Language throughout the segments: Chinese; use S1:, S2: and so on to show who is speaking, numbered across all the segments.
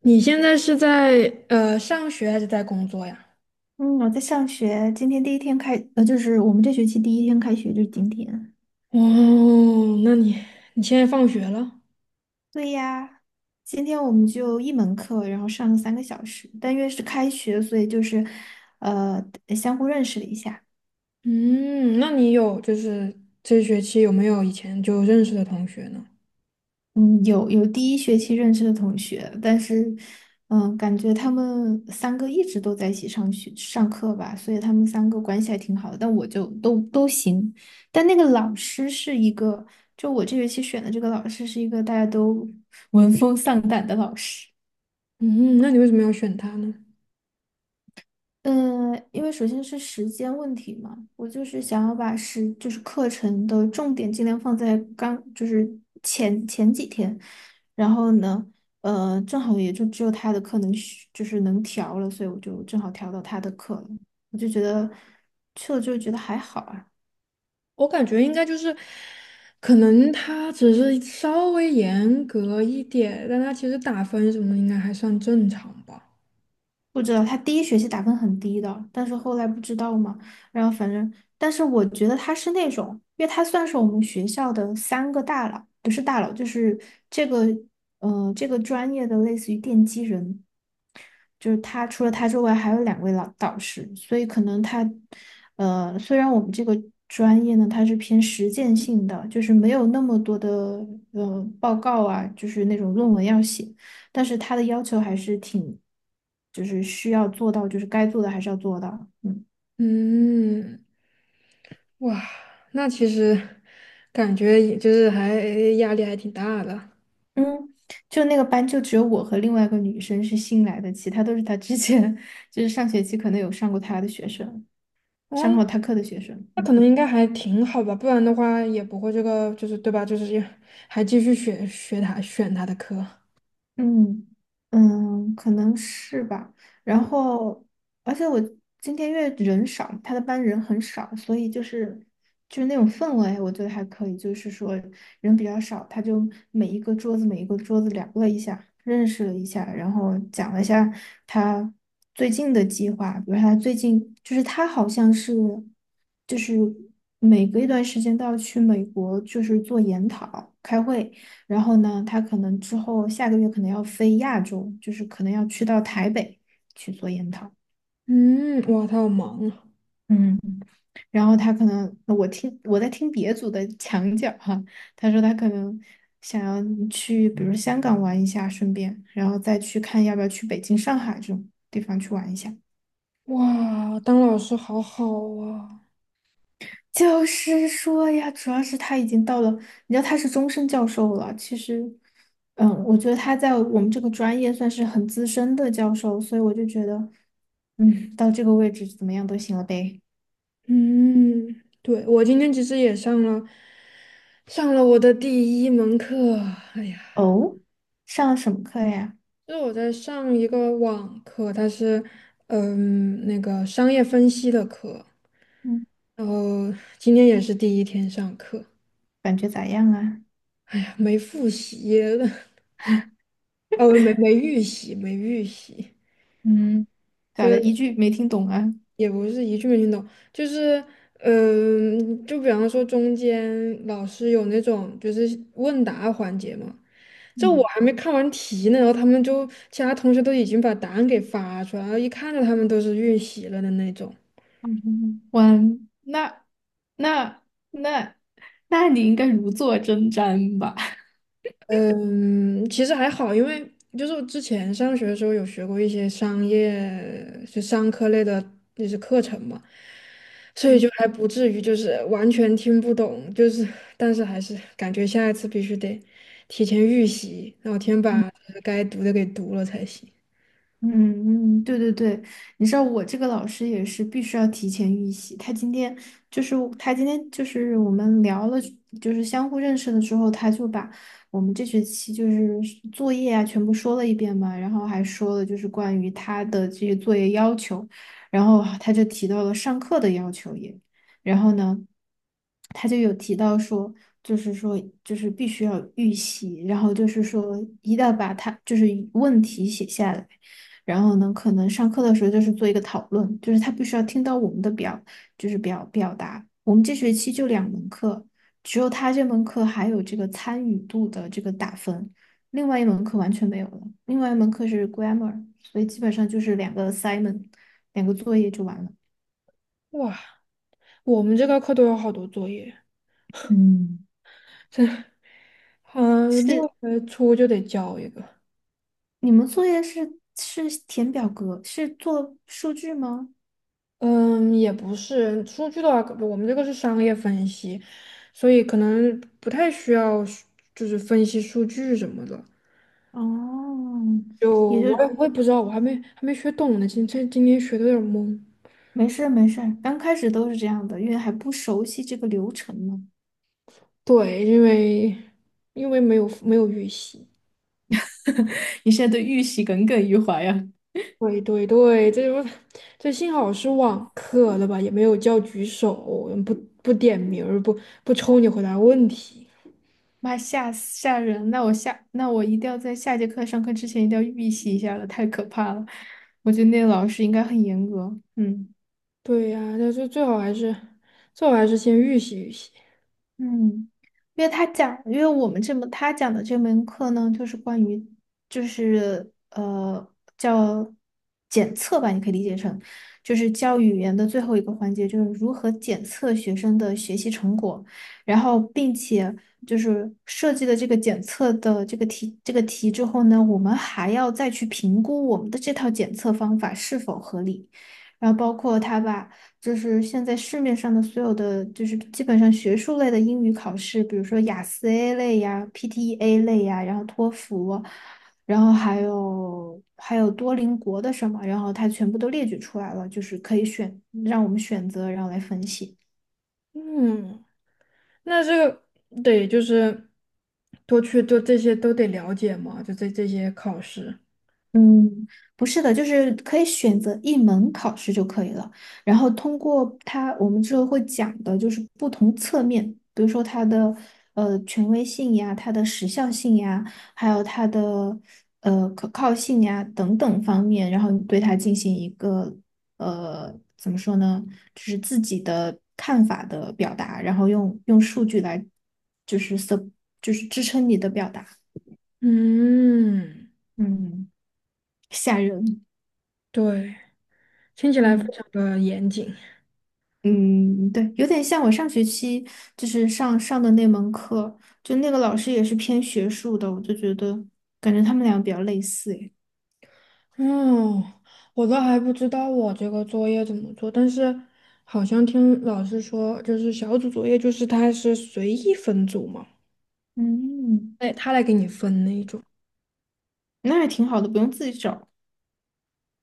S1: 你现在是在上学还是在工作呀？
S2: 嗯，我在上学，今天第一天就是我们这学期第一天开学就是今天。
S1: 哦，那你现在放学了？
S2: 对呀，今天我们就一门课，然后上了三个小时，但因为是开学，所以就是，呃，相互认识了一下。
S1: 嗯，那你有就是这学期有没有以前就认识的同学呢？
S2: 嗯，有第一学期认识的同学，但是，感觉他们三个一直都在一起上学上课吧，所以他们三个关系还挺好的。但我就都行，但那个老师是一个，就我这学期选的这个老师是一个大家都闻风丧胆的老师。
S1: 嗯，那你为什么要选他呢？
S2: 嗯，因为首先是时间问题嘛，我就是想要把时就是课程的重点尽量放在刚就是前几天，然后呢，正好也就只有他的课能选就是能调了，所以我就正好调到他的课了，我就觉得去了之后觉得还好啊。
S1: 我感觉应该就是，可能他只是稍微严格一点，但他其实打分什么的应该还算正常吧。
S2: 不知道，他第一学期打分很低的，但是后来不知道嘛，然后反正，但是我觉得他是那种，因为他算是我们学校的三个大佬，不是大佬，就是这个，这个专业的类似于奠基人，就是他除了他之外还有两位老导师，所以可能他，虽然我们这个专业呢，它是偏实践性的，就是没有那么多的报告啊，就是那种论文要写，但是他的要求还是挺，就是需要做到，就是该做的还是要做到，嗯
S1: 嗯，哇，那其实感觉也就是还压力还挺大的。
S2: 嗯。就那个班就只有我和另外一个女生是新来的，其他都是他之前 就是上学期可能有上过他的学生，上
S1: 哦，
S2: 过他课的学生。
S1: 那可
S2: 嗯。
S1: 能应该还挺好吧，不然的话也不会这个，就是对吧？就是也还继续学他选他的课。
S2: 嗯嗯，可能是吧。然后，而且我今天因为人少，他的班人很少，所以就是那种氛围，我觉得还可以。就是说人比较少，他就每一个桌子每一个桌子聊了一下，认识了一下，然后讲了一下他最近的计划，比如他最近就是他好像是就是每隔一段时间都要去美国，就是做研讨开会。然后呢，他可能之后下个月可能要飞亚洲，就是可能要去到台北去做研讨。
S1: 嗯，哇，他好忙啊！
S2: 嗯然后他可能，我在听别组的墙角哈，他说他可能想要去，比如香港玩一下，顺便，然后再去看要不要去北京、上海这种地方去玩一下。
S1: 哇，当老师好好啊。
S2: 就是说呀，主要是他已经到了，你知道他是终身教授了。其实，我觉得他在我们这个专业算是很资深的教授，所以我就觉得，到这个位置怎么样都行了呗。
S1: 嗯，对，我今天其实也上了我的第一门课。哎呀，
S2: 哦，上了什么课呀？
S1: 就是我在上一个网课，它是嗯那个商业分析的课，
S2: 嗯，
S1: 然后今天也是第一天上课。
S2: 感觉咋样啊？
S1: 哎呀，没复习。哦，没预习，
S2: 嗯，咋了？一句没听懂啊？
S1: 也不是一句没听懂，就是，嗯，就比方说中间老师有那种就是问答环节嘛，这我
S2: 嗯，
S1: 还没看完题呢，然后他们就其他同学都已经把答案给发出来，然后一看着他们都是预习了的那种。
S2: 我那那那，那你应该如坐针毡吧？
S1: 嗯，其实还好，因为就是我之前上学的时候有学过一些商业，就商科类的，那些课程嘛。所以就 还不至于就是完全听不懂，就是但是还是感觉下一次必须得提前预习，然后提前把该读的给读了才行。
S2: 嗯嗯，对对对，你知道我这个老师也是必须要提前预习。他今天就是我们聊了，就是相互认识的时候，他就把我们这学期就是作业啊全部说了一遍嘛，然后还说了就是关于他的这些作业要求，然后他就提到了上课的要求也，然后呢，他就有提到说，就是说，就是必须要预习，然后就是说，一定要把他就是问题写下来。然后呢，可能上课的时候就是做一个讨论，就是他必须要听到我们的表，就是表表达。我们这学期就两门课，只有他这门课还有这个参与度的这个打分，另外一门课完全没有了。另外一门课是 grammar,所以基本上就是两个 assignment,两个作业就完了。
S1: 哇，我们这个课都有好多作业，
S2: 嗯，
S1: 这，嗯，
S2: 是
S1: 六月初就得交一个。
S2: 你们作业是填表格，是做数据吗？
S1: 嗯，也不是，数据的话，我们这个是商业分析，所以可能不太需要就是分析数据什么的。
S2: 哦，
S1: 就
S2: 也
S1: 我
S2: 就
S1: 我也不知道，我还没学懂呢，今天学的有点懵。
S2: 没事儿没事儿刚开始都是这样的，因为还不熟悉这个流程嘛。
S1: 对，因为没有预习。
S2: 你现在对预习耿耿于怀呀、
S1: 对对对，这不这幸好是网课的吧，也没有叫举手，不不点名儿，不抽你回答问题。
S2: 妈吓死吓人！那我一定要在下节课上课之前一定要预习一下了，太可怕了。我觉得那个老师应该很严格。嗯。
S1: 对呀、但是最好还是先预习预习。
S2: 嗯，因为我们这门他讲的这门课呢，就是关于，就是叫检测吧，你可以理解成，就是教语言的最后一个环节，就是如何检测学生的学习成果，然后并且就是设计了这个检测的这个题之后呢，我们还要再去评估我们的这套检测方法是否合理。然后包括他把就是现在市面上的所有的，就是基本上学术类的英语考试，比如说雅思 A 类呀、PTE-A 类呀，然后托福，然后还有多邻国的什么，然后它全部都列举出来了，就是可以选，让我们选择，然后来分析。
S1: 嗯，那这个得就是多去做这些都得了解嘛，这这些考试。
S2: 嗯，不是的，就是可以选择一门考试就可以了。然后通过它，我们之后会讲的就是不同侧面，比如说它的权威性呀、它的时效性呀，还有它的可靠性呀等等方面，然后你对它进行一个怎么说呢，就是自己的看法的表达，然后用数据来就是 s 就是支撑你的表达。
S1: 嗯，
S2: 嗯，吓人。
S1: 对，听起来非
S2: 嗯。
S1: 常的严谨。
S2: 嗯，对，有点像我上学期就是上的那门课，就那个老师也是偏学术的，我就觉得感觉他们俩比较类似诶。
S1: 嗯，我都还不知道我这个作业怎么做，但是好像听老师说，就是小组作业，就是他是随意分组嘛，
S2: 嗯，
S1: 哎，他来给你分那一种。
S2: 那还挺好的，不用自己找。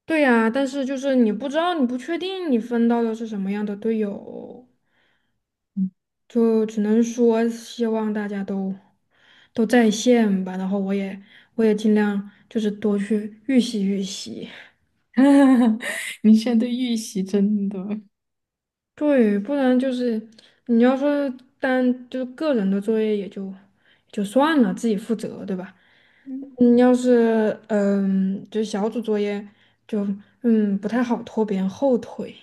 S1: 对呀，但是就是你不知道，你不确定你分到的是什么样的队友，
S2: 嗯，
S1: 就只能说希望大家都在线吧。然后我我也尽量就是多去预习预习。
S2: 你现在对预习真的，
S1: 对，不然就是你要说单就是个人的作业就算了，自己负责，对吧？
S2: 嗯，
S1: 你要是嗯，就是小组作业就嗯不太好拖别人后腿。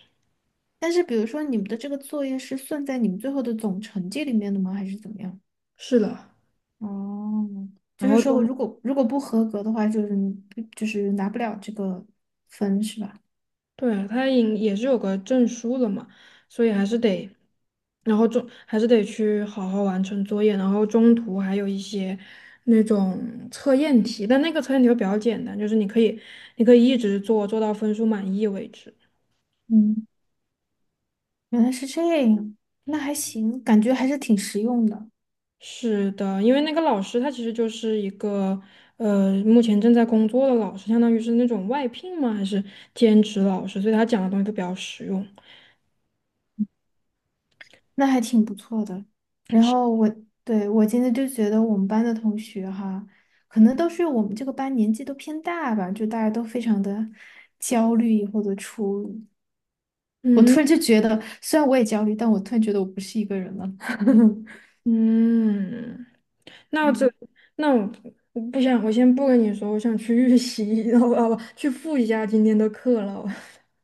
S2: 但是比如说你们的这个作业是算在你们最后的总成绩里面的吗？还是怎么样？
S1: 是的，
S2: 哦，就
S1: 然
S2: 是
S1: 后
S2: 说
S1: 中
S2: 我如果不合格的话，就是你就是拿不了这个分是吧？
S1: 对，他也是有个证书了嘛，所以还是得，然后中还是得去好好完成作业，然后中途还有一些那种测验题，但那个测验题会比较简单，就是你可以一直做，做到分数满意为止。
S2: 嗯。原来是这样，那还行，感觉还是挺实用的，
S1: 是的，因为那个老师他其实就是一个目前正在工作的老师，相当于是那种外聘吗？还是兼职老师？所以他讲的东西都比较实用。
S2: 那还挺不错的。然后我，对，我今天就觉得我们班的同学哈，可能都是我们这个班年纪都偏大吧，就大家都非常的焦虑或者出。我
S1: 嗯
S2: 突然就觉得，虽然我也焦虑，但我突然觉得我不是一个人了。
S1: 嗯。那这，
S2: 嗯，
S1: 那我不想，我先不跟你说，我想去预习，然后不，去复一下今天的课了。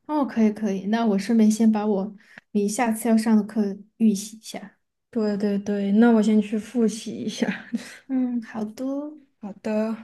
S2: 哦，可以可以，那我顺便先把你下次要上的课预习一下。
S1: 对对对，那我先去复习一下。
S2: 嗯，好的。
S1: 好的。